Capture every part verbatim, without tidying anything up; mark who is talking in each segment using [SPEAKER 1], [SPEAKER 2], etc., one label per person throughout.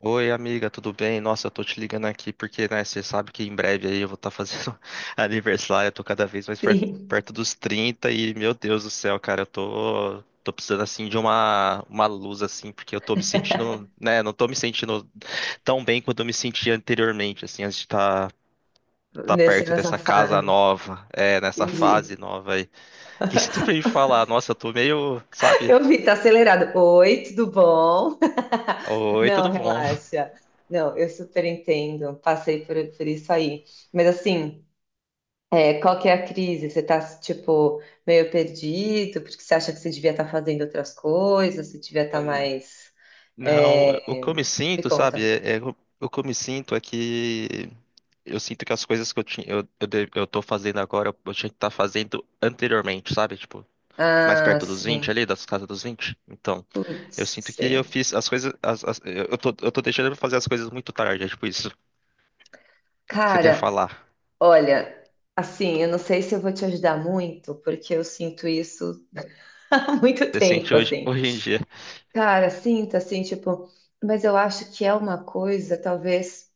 [SPEAKER 1] Oi, amiga, tudo bem? Nossa, eu tô te ligando aqui porque, né, você sabe que em breve aí eu vou estar fazendo aniversário, eu tô cada vez mais per-
[SPEAKER 2] Sim,
[SPEAKER 1] perto dos trinta e, meu Deus do céu, cara, eu tô, tô precisando, assim, de uma, uma luz, assim, porque eu tô me sentindo, né, não tô me sentindo tão bem quanto eu me sentia anteriormente, assim, antes de estar tá, tá
[SPEAKER 2] nesse,
[SPEAKER 1] perto
[SPEAKER 2] nessa
[SPEAKER 1] dessa casa
[SPEAKER 2] fase.
[SPEAKER 1] nova, é, nessa fase
[SPEAKER 2] Entendi.
[SPEAKER 1] nova aí. O que você tem pra me falar? Nossa, eu tô meio, sabe?
[SPEAKER 2] Eu vi, tá acelerado. Oi, tudo bom?
[SPEAKER 1] Oi,
[SPEAKER 2] Não,
[SPEAKER 1] tudo bom?
[SPEAKER 2] relaxa. Não, eu super entendo. Passei por, por isso aí. Mas assim, é, qual que é a crise? Você tá, tipo, meio perdido, porque você acha que você devia estar fazendo outras coisas, você devia estar mais.
[SPEAKER 1] Não,
[SPEAKER 2] é,
[SPEAKER 1] o que eu me
[SPEAKER 2] Me
[SPEAKER 1] sinto, sabe?
[SPEAKER 2] conta.
[SPEAKER 1] É, é- o que eu me sinto é que eu sinto que as coisas que eu tinha, eu, eu, de- eu tô fazendo agora, eu, eu tinha que estar fazendo anteriormente, sabe? Tipo, mais
[SPEAKER 2] Ah,
[SPEAKER 1] perto dos vinte
[SPEAKER 2] sim.
[SPEAKER 1] ali, das casas dos vinte. Então,
[SPEAKER 2] Putz,
[SPEAKER 1] eu sinto que eu
[SPEAKER 2] sim.
[SPEAKER 1] fiz as coisas, as- as- eu eu tô, eu tô deixando de fazer as coisas muito tarde, é tipo isso que você tem a
[SPEAKER 2] Cara,
[SPEAKER 1] falar.
[SPEAKER 2] olha, assim, eu não sei se eu vou te ajudar muito, porque eu sinto isso há muito
[SPEAKER 1] Você sente
[SPEAKER 2] tempo,
[SPEAKER 1] hoje,
[SPEAKER 2] assim.
[SPEAKER 1] hoje em dia.
[SPEAKER 2] Cara, sinto assim, tipo, mas eu acho que é uma coisa, talvez,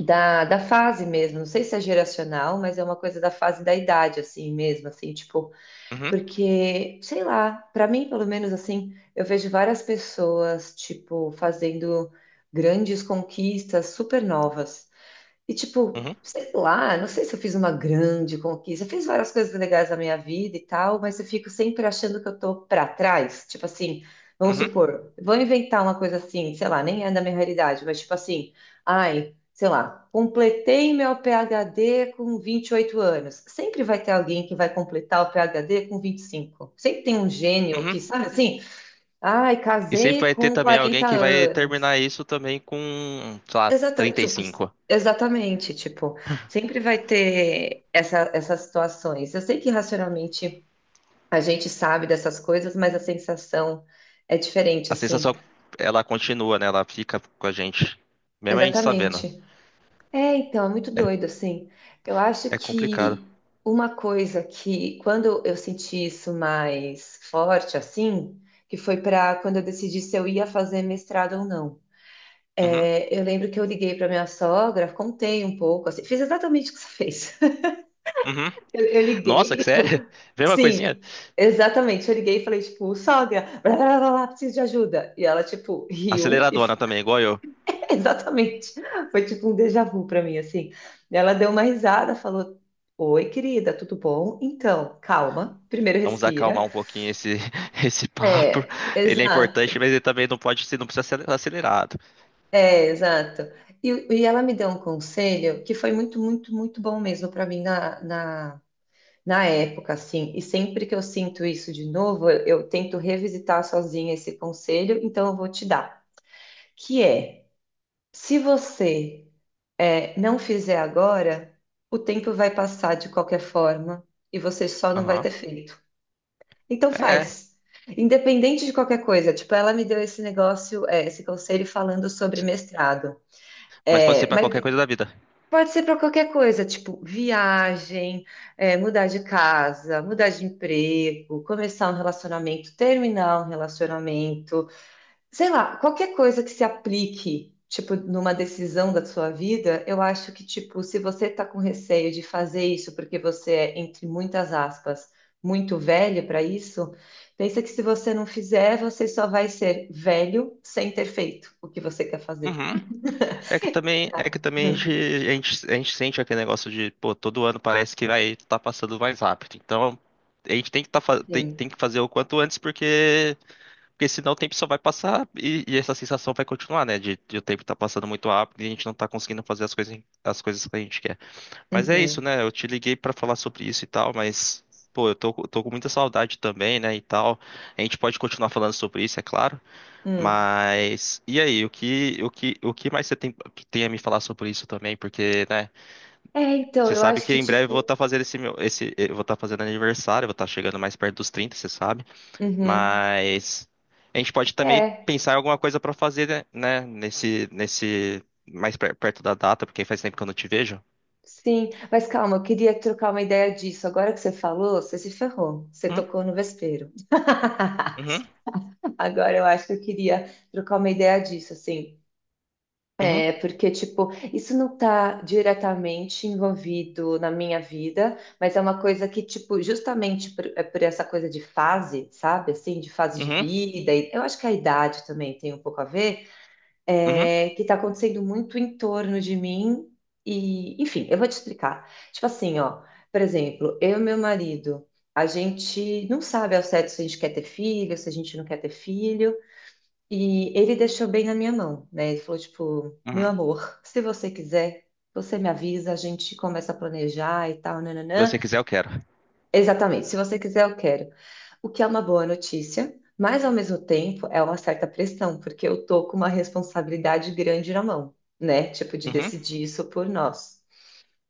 [SPEAKER 2] da, da fase mesmo. Não sei se é geracional, mas é uma coisa da fase da idade, assim mesmo, assim, tipo,
[SPEAKER 1] Uhum,
[SPEAKER 2] porque, sei lá, pra mim, pelo menos, assim, eu vejo várias pessoas, tipo, fazendo grandes conquistas super novas. E tipo,
[SPEAKER 1] uhum,
[SPEAKER 2] sei lá, não sei se eu fiz uma grande conquista, eu fiz várias coisas legais na minha vida e tal, mas eu fico sempre achando que eu tô pra trás. Tipo assim, vamos
[SPEAKER 1] uhum,
[SPEAKER 2] supor, vou inventar uma coisa assim, sei lá, nem é da minha realidade, mas tipo assim, ai, sei lá, completei meu PhD com vinte e oito anos. Sempre vai ter alguém que vai completar o PhD com vinte e cinco. Sempre tem um gênio
[SPEAKER 1] uhum.
[SPEAKER 2] que, sabe assim, ai,
[SPEAKER 1] E sempre
[SPEAKER 2] casei
[SPEAKER 1] vai ter
[SPEAKER 2] com
[SPEAKER 1] também alguém
[SPEAKER 2] quarenta
[SPEAKER 1] que vai
[SPEAKER 2] anos.
[SPEAKER 1] terminar isso também com, sei lá,
[SPEAKER 2] Exata,
[SPEAKER 1] trinta e
[SPEAKER 2] tipo,
[SPEAKER 1] cinco.
[SPEAKER 2] exatamente, tipo, sempre vai ter essa, essas situações. Eu sei que racionalmente a gente sabe dessas coisas, mas a sensação é diferente,
[SPEAKER 1] A
[SPEAKER 2] assim.
[SPEAKER 1] sensação, ela continua, né? Ela fica com a gente, mesmo a gente sabendo.
[SPEAKER 2] Exatamente. É, então, é muito
[SPEAKER 1] É,
[SPEAKER 2] doido, assim. Eu acho
[SPEAKER 1] é complicado.
[SPEAKER 2] que uma coisa que, quando eu senti isso mais forte, assim, que foi para quando eu decidi se eu ia fazer mestrado ou não.
[SPEAKER 1] Uhum,
[SPEAKER 2] É, eu lembro que eu liguei para minha sogra, contei um pouco, assim, fiz exatamente o que você fez.
[SPEAKER 1] uhum.
[SPEAKER 2] Eu, eu
[SPEAKER 1] Nossa, que
[SPEAKER 2] liguei, tipo,
[SPEAKER 1] sério? Vem uma coisinha?
[SPEAKER 2] sim, exatamente. Eu liguei e falei, tipo, sogra, blá, blá, blá, blá, preciso de ajuda. E ela, tipo, riu e
[SPEAKER 1] Aceleradona
[SPEAKER 2] f-
[SPEAKER 1] também, igual eu.
[SPEAKER 2] exatamente. Foi tipo um déjà vu pra mim, assim. E ela deu uma risada, falou: Oi, querida, tudo bom? Então, calma, primeiro
[SPEAKER 1] Vamos acalmar
[SPEAKER 2] respira.
[SPEAKER 1] um pouquinho esse, esse papo.
[SPEAKER 2] É,
[SPEAKER 1] Ele é importante,
[SPEAKER 2] exato.
[SPEAKER 1] mas ele também não pode ser, não precisa ser acelerado.
[SPEAKER 2] É, exato. E, e ela me deu um conselho que foi muito, muito, muito bom mesmo pra mim na, na na época, assim, e sempre que eu sinto isso de novo, eu, eu tento revisitar sozinha esse conselho, então eu vou te dar, que é, se você é, não fizer agora, o tempo vai passar de qualquer forma e você só não vai
[SPEAKER 1] Aham.
[SPEAKER 2] ter feito. Então
[SPEAKER 1] É.
[SPEAKER 2] faz. Independente de qualquer coisa, tipo, ela me deu esse negócio, é, esse conselho falando sobre mestrado.
[SPEAKER 1] Mas pode ser
[SPEAKER 2] É,
[SPEAKER 1] pra qualquer
[SPEAKER 2] mas
[SPEAKER 1] coisa da vida.
[SPEAKER 2] pode ser para qualquer coisa, tipo viagem, é, mudar de casa, mudar de emprego, começar um relacionamento, terminar um relacionamento, sei lá, qualquer coisa que se aplique, tipo, numa decisão da sua vida, eu acho que, tipo, se você tá com receio de fazer isso porque você é, entre muitas aspas, muito velho para isso, pensa que se você não fizer, você só vai ser velho sem ter feito o que você quer fazer,
[SPEAKER 1] Uhum. É que também, é
[SPEAKER 2] sabe?
[SPEAKER 1] que também a gente,
[SPEAKER 2] Hum,
[SPEAKER 1] a gente, a gente sente aquele negócio de, pô, todo ano parece que vai tá passando mais rápido. Então, a gente tem que, tá, fa- tem,
[SPEAKER 2] sim.
[SPEAKER 1] tem que fazer o quanto antes, porque, porque senão o tempo só vai passar e, e essa sensação vai continuar, né? De, de o tempo tá passando muito rápido e a gente não tá conseguindo fazer as coisas, as coisas que a gente quer. Mas é isso,
[SPEAKER 2] Uhum.
[SPEAKER 1] né? Eu te liguei pra falar sobre isso e tal, mas, pô, eu tô, tô com muita saudade também, né? E tal. A gente pode continuar falando sobre isso, é claro.
[SPEAKER 2] Hum.
[SPEAKER 1] Mas e aí, o que o que o que mais você tem, tem a me falar sobre isso também? Porque, né,
[SPEAKER 2] É, então,
[SPEAKER 1] você
[SPEAKER 2] eu
[SPEAKER 1] sabe
[SPEAKER 2] acho
[SPEAKER 1] que
[SPEAKER 2] que,
[SPEAKER 1] em breve eu vou
[SPEAKER 2] tipo.
[SPEAKER 1] estar fazendo esse meu esse eu vou estar fazendo aniversário, eu vou estar chegando mais perto dos trinta você sabe?
[SPEAKER 2] Uhum.
[SPEAKER 1] Mas a gente pode também
[SPEAKER 2] É,
[SPEAKER 1] pensar em alguma coisa para fazer, né, né, nesse nesse mais per- perto da data, porque faz tempo que eu não te vejo.
[SPEAKER 2] sim. Mas calma, eu queria trocar uma ideia disso. Agora que você falou, você se ferrou. Você
[SPEAKER 1] Uhum,
[SPEAKER 2] tocou no vespeiro.
[SPEAKER 1] uhum,
[SPEAKER 2] Agora eu acho que eu queria trocar uma ideia disso, assim.
[SPEAKER 1] uhum,
[SPEAKER 2] É, porque, tipo, isso não tá diretamente envolvido na minha vida, mas é uma coisa que, tipo, justamente por, é por essa coisa de fase, sabe? Assim, de fase de
[SPEAKER 1] uhum,
[SPEAKER 2] vida. e Eu acho que a idade também tem um pouco a ver.
[SPEAKER 1] uhum,
[SPEAKER 2] É, que está acontecendo muito em torno de mim. E, enfim, eu vou te explicar. Tipo assim, ó, por exemplo, eu e meu marido, a gente não sabe ao certo se a gente quer ter filho, se a gente não quer ter filho, e ele deixou bem na minha mão, né? Ele falou, tipo, meu
[SPEAKER 1] uhum.
[SPEAKER 2] amor, se você quiser, você me avisa, a gente começa a planejar e tal,
[SPEAKER 1] Se
[SPEAKER 2] nananã.
[SPEAKER 1] você quiser, eu quero.
[SPEAKER 2] Exatamente. Se você quiser, eu quero. O que é uma boa notícia, mas ao mesmo tempo é uma certa pressão, porque eu tô com uma responsabilidade grande na mão, né? Tipo, de
[SPEAKER 1] Uhum,
[SPEAKER 2] decidir isso por nós.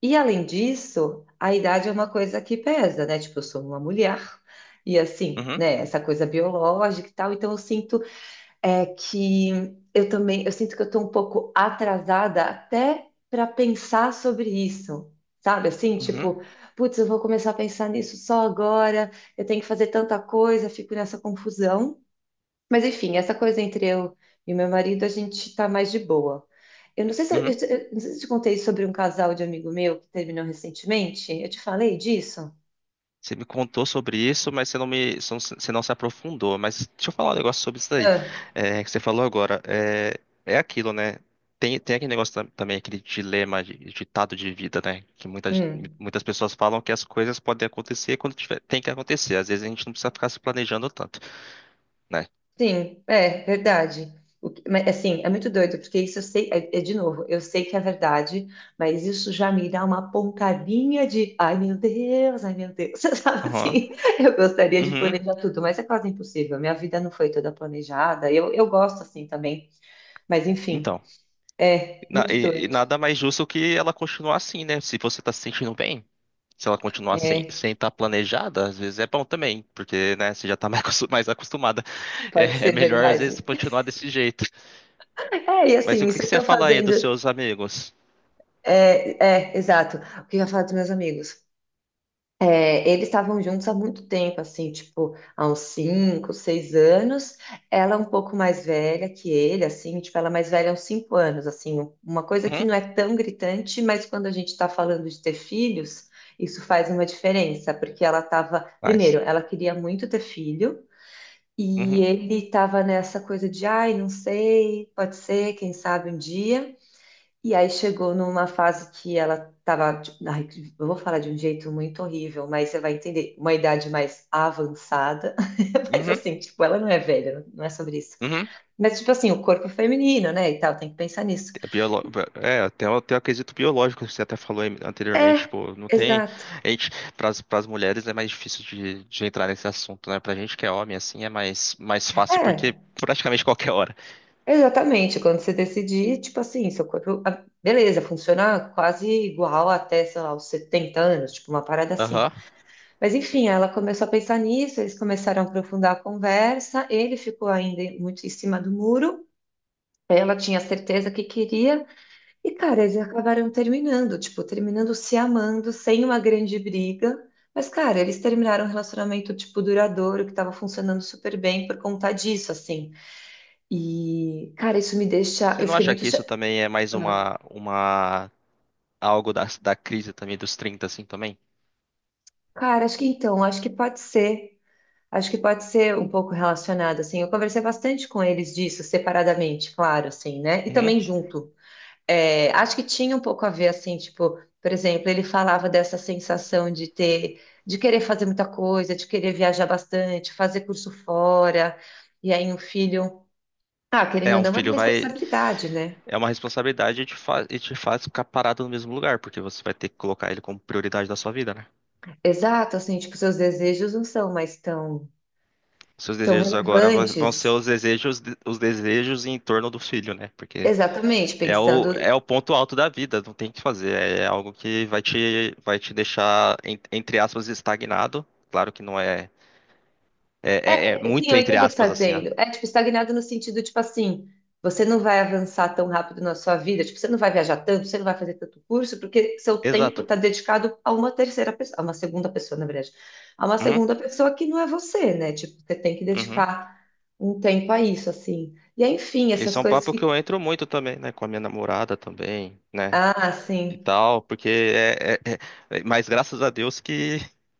[SPEAKER 2] E além disso, a idade é uma coisa que pesa, né? Tipo, eu sou uma mulher, e assim,
[SPEAKER 1] uhum,
[SPEAKER 2] né? Essa coisa biológica e tal, então eu sinto é que eu também, eu sinto que eu estou um pouco atrasada até para pensar sobre isso, sabe? Assim,
[SPEAKER 1] uhum,
[SPEAKER 2] tipo, putz, eu vou começar a pensar nisso só agora, eu tenho que fazer tanta coisa, fico nessa confusão. Mas enfim, essa coisa entre eu e meu marido, a gente tá mais de boa. Eu não sei se eu,
[SPEAKER 1] uhum.
[SPEAKER 2] eu- eu não sei se eu te contei sobre um casal de amigo meu que terminou recentemente. Eu te falei disso?
[SPEAKER 1] Você me contou sobre isso, mas você não me, você não você não se aprofundou. Mas deixa eu falar um negócio sobre isso daí,
[SPEAKER 2] Ah,
[SPEAKER 1] é, que você falou agora. É, é aquilo, né? Tem, tem aquele negócio tam- também, aquele dilema, de- ditado de vida, né? Que muitas,
[SPEAKER 2] hum.
[SPEAKER 1] muitas pessoas falam que as coisas podem acontecer quando tiver, tem que acontecer. Às vezes a gente não precisa ficar se planejando tanto, né?
[SPEAKER 2] Sim, é verdade. O que- mas, assim, é muito doido, porque isso eu sei, é, é de novo, eu sei que é verdade, mas isso já me dá uma pontadinha de, ai meu Deus, ai meu Deus, sabe
[SPEAKER 1] Aham.
[SPEAKER 2] assim? Eu gostaria de
[SPEAKER 1] Uhum.
[SPEAKER 2] planejar tudo, mas é quase impossível. Minha vida não foi toda planejada. Eu, eu gosto assim também, mas enfim,
[SPEAKER 1] Então.
[SPEAKER 2] é
[SPEAKER 1] Na-
[SPEAKER 2] muito
[SPEAKER 1] e, e
[SPEAKER 2] doido.
[SPEAKER 1] nada mais justo que ela continuar assim, né? Se você tá se sentindo bem, se ela continuar sem
[SPEAKER 2] É,
[SPEAKER 1] sem estar planejada, às vezes é bom também, porque, né, você já tá mais acos- mais acostumada.
[SPEAKER 2] pode
[SPEAKER 1] É, é
[SPEAKER 2] ser
[SPEAKER 1] melhor, às vezes,
[SPEAKER 2] verdade.
[SPEAKER 1] continuar desse jeito.
[SPEAKER 2] É, e
[SPEAKER 1] Mas
[SPEAKER 2] assim,
[SPEAKER 1] o que
[SPEAKER 2] isso
[SPEAKER 1] que
[SPEAKER 2] eu
[SPEAKER 1] você
[SPEAKER 2] tô
[SPEAKER 1] fala aí dos
[SPEAKER 2] fazendo.
[SPEAKER 1] seus amigos?
[SPEAKER 2] É, é, exato. O que eu ia falar dos meus amigos? É, eles estavam juntos há muito tempo, assim, tipo, há uns cinco, seis anos. Ela é um pouco mais velha que ele, assim, tipo, ela é mais velha uns cinco anos, assim, um- uma coisa que
[SPEAKER 1] Uhum,
[SPEAKER 2] não é tão gritante, mas quando a gente está falando de ter filhos, isso faz uma diferença, porque ela estava, primeiro,
[SPEAKER 1] faz.
[SPEAKER 2] ela queria muito ter filho, e
[SPEAKER 1] Uhum,
[SPEAKER 2] ele estava nessa coisa de, ai, não sei, pode ser, quem sabe um dia. E aí chegou numa fase que ela estava. Eu vou falar de um jeito muito horrível, mas você vai entender, uma idade mais avançada, mas
[SPEAKER 1] uhum,
[SPEAKER 2] assim, tipo, ela não é velha, não é sobre isso.
[SPEAKER 1] uhum.
[SPEAKER 2] Mas tipo assim, o corpo feminino, né, e tal, tem que pensar nisso.
[SPEAKER 1] É, biolo... é até, até eu acredito biológico, que você até falou aí anteriormente,
[SPEAKER 2] É,
[SPEAKER 1] tipo, não tem.
[SPEAKER 2] exato.
[SPEAKER 1] A gente, para as mulheres é mais difícil de, de entrar nesse assunto, né? Pra gente que é homem, assim, é mais, mais fácil,
[SPEAKER 2] É,
[SPEAKER 1] porque praticamente qualquer hora.
[SPEAKER 2] exatamente, quando você decidir, tipo assim, seu corpo, ah, beleza, funciona quase igual até, sei lá, os setenta anos, tipo, uma parada assim.
[SPEAKER 1] Aham.
[SPEAKER 2] Mas enfim, ela começou a pensar nisso, eles começaram a aprofundar a conversa, ele ficou ainda muito em cima do muro, ela tinha certeza que queria, e cara, eles acabaram terminando, tipo, terminando se amando, sem uma grande briga. Mas, cara, eles terminaram um relacionamento, tipo, duradouro, que estava funcionando super bem por conta disso, assim. E, cara, isso me deixa.
[SPEAKER 1] Você
[SPEAKER 2] Eu
[SPEAKER 1] não
[SPEAKER 2] fiquei
[SPEAKER 1] acha
[SPEAKER 2] muito.
[SPEAKER 1] que
[SPEAKER 2] Cha-
[SPEAKER 1] isso também é mais
[SPEAKER 2] Ah.
[SPEAKER 1] uma, uma algo da, da crise também dos trinta assim, também?
[SPEAKER 2] Cara, acho que então, acho que pode ser. Acho que pode ser um pouco relacionado, assim. Eu conversei bastante com eles disso, separadamente, claro, assim, né? E
[SPEAKER 1] Uhum.
[SPEAKER 2] também junto. É, acho que tinha um pouco a ver, assim, tipo, por exemplo, ele falava dessa sensação de ter, de querer fazer muita coisa, de querer viajar bastante, fazer curso fora, e aí um filho. Ah, querendo
[SPEAKER 1] É,
[SPEAKER 2] ou
[SPEAKER 1] um
[SPEAKER 2] não, é
[SPEAKER 1] filho vai.
[SPEAKER 2] responsabilidade, né?
[SPEAKER 1] É uma responsabilidade e te faz, e te faz ficar parado no mesmo lugar, porque você vai ter que colocar ele como prioridade da sua vida, né?
[SPEAKER 2] Exato, assim, tipo, seus desejos não são mais tão,
[SPEAKER 1] Seus
[SPEAKER 2] tão
[SPEAKER 1] desejos agora va- vão ser
[SPEAKER 2] relevantes.
[SPEAKER 1] os desejos, os desejos em torno do filho, né? Porque
[SPEAKER 2] Exatamente,
[SPEAKER 1] é o, é
[SPEAKER 2] pensando
[SPEAKER 1] o ponto alto da vida, não tem o que fazer. É algo que vai te, vai te deixar, en- entre aspas, estagnado. Claro que não é, é, é- é
[SPEAKER 2] É, sim,
[SPEAKER 1] muito
[SPEAKER 2] eu
[SPEAKER 1] entre
[SPEAKER 2] entendo o que você está
[SPEAKER 1] aspas, assim, né?
[SPEAKER 2] dizendo. É, tipo, estagnado no sentido, tipo assim, você não vai avançar tão rápido na sua vida, tipo, você não vai viajar tanto, você não vai fazer tanto curso, porque seu tempo
[SPEAKER 1] Exato.
[SPEAKER 2] está dedicado a uma terceira pessoa, a uma segunda pessoa, na verdade, a uma
[SPEAKER 1] Uhum,
[SPEAKER 2] segunda pessoa que não é você, né? Tipo, você tem que
[SPEAKER 1] uhum.
[SPEAKER 2] dedicar um tempo a isso, assim. E aí, enfim, essas
[SPEAKER 1] Esse é um
[SPEAKER 2] coisas
[SPEAKER 1] papo que eu
[SPEAKER 2] ficam...
[SPEAKER 1] entro muito também, né? Com a minha namorada também, né?
[SPEAKER 2] Ah,
[SPEAKER 1] E
[SPEAKER 2] sim.
[SPEAKER 1] tal, porque é, é- é- mas graças a Deus que,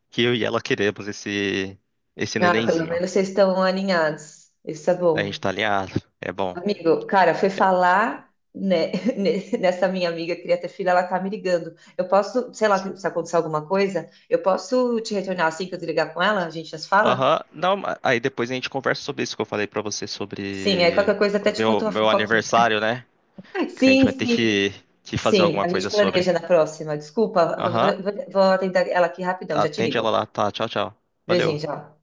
[SPEAKER 1] que eu e ela queremos esse, esse
[SPEAKER 2] Ah, pelo
[SPEAKER 1] nenenzinho, ó.
[SPEAKER 2] menos vocês estão alinhados. Isso é
[SPEAKER 1] A gente
[SPEAKER 2] bom.
[SPEAKER 1] tá alinhado, é bom.
[SPEAKER 2] Amigo, cara, foi falar, né, ne- nessa minha amiga que queria ter filho, ela tá me ligando. Eu posso, sei lá, se acontecer alguma coisa, eu posso te retornar assim que eu desligar com ela? A gente já se fala?
[SPEAKER 1] Aham, não, ma- aí depois a gente conversa sobre isso que eu falei pra você
[SPEAKER 2] Sim, aí
[SPEAKER 1] sobre
[SPEAKER 2] qualquer coisa até
[SPEAKER 1] o
[SPEAKER 2] te conto
[SPEAKER 1] meu,
[SPEAKER 2] uma
[SPEAKER 1] meu
[SPEAKER 2] fofoquinha.
[SPEAKER 1] aniversário, né? Que a gente
[SPEAKER 2] Sim,
[SPEAKER 1] vai ter
[SPEAKER 2] sim,
[SPEAKER 1] que, que fazer
[SPEAKER 2] sim,
[SPEAKER 1] alguma
[SPEAKER 2] a gente
[SPEAKER 1] coisa sobre.
[SPEAKER 2] planeja na próxima. Desculpa, vou
[SPEAKER 1] Aham,
[SPEAKER 2] vou- vou atender ela aqui rapidão, já te
[SPEAKER 1] atende ela
[SPEAKER 2] ligo.
[SPEAKER 1] lá, tá? Tchau, tchau.
[SPEAKER 2] Beijinho,
[SPEAKER 1] Valeu.
[SPEAKER 2] tchau.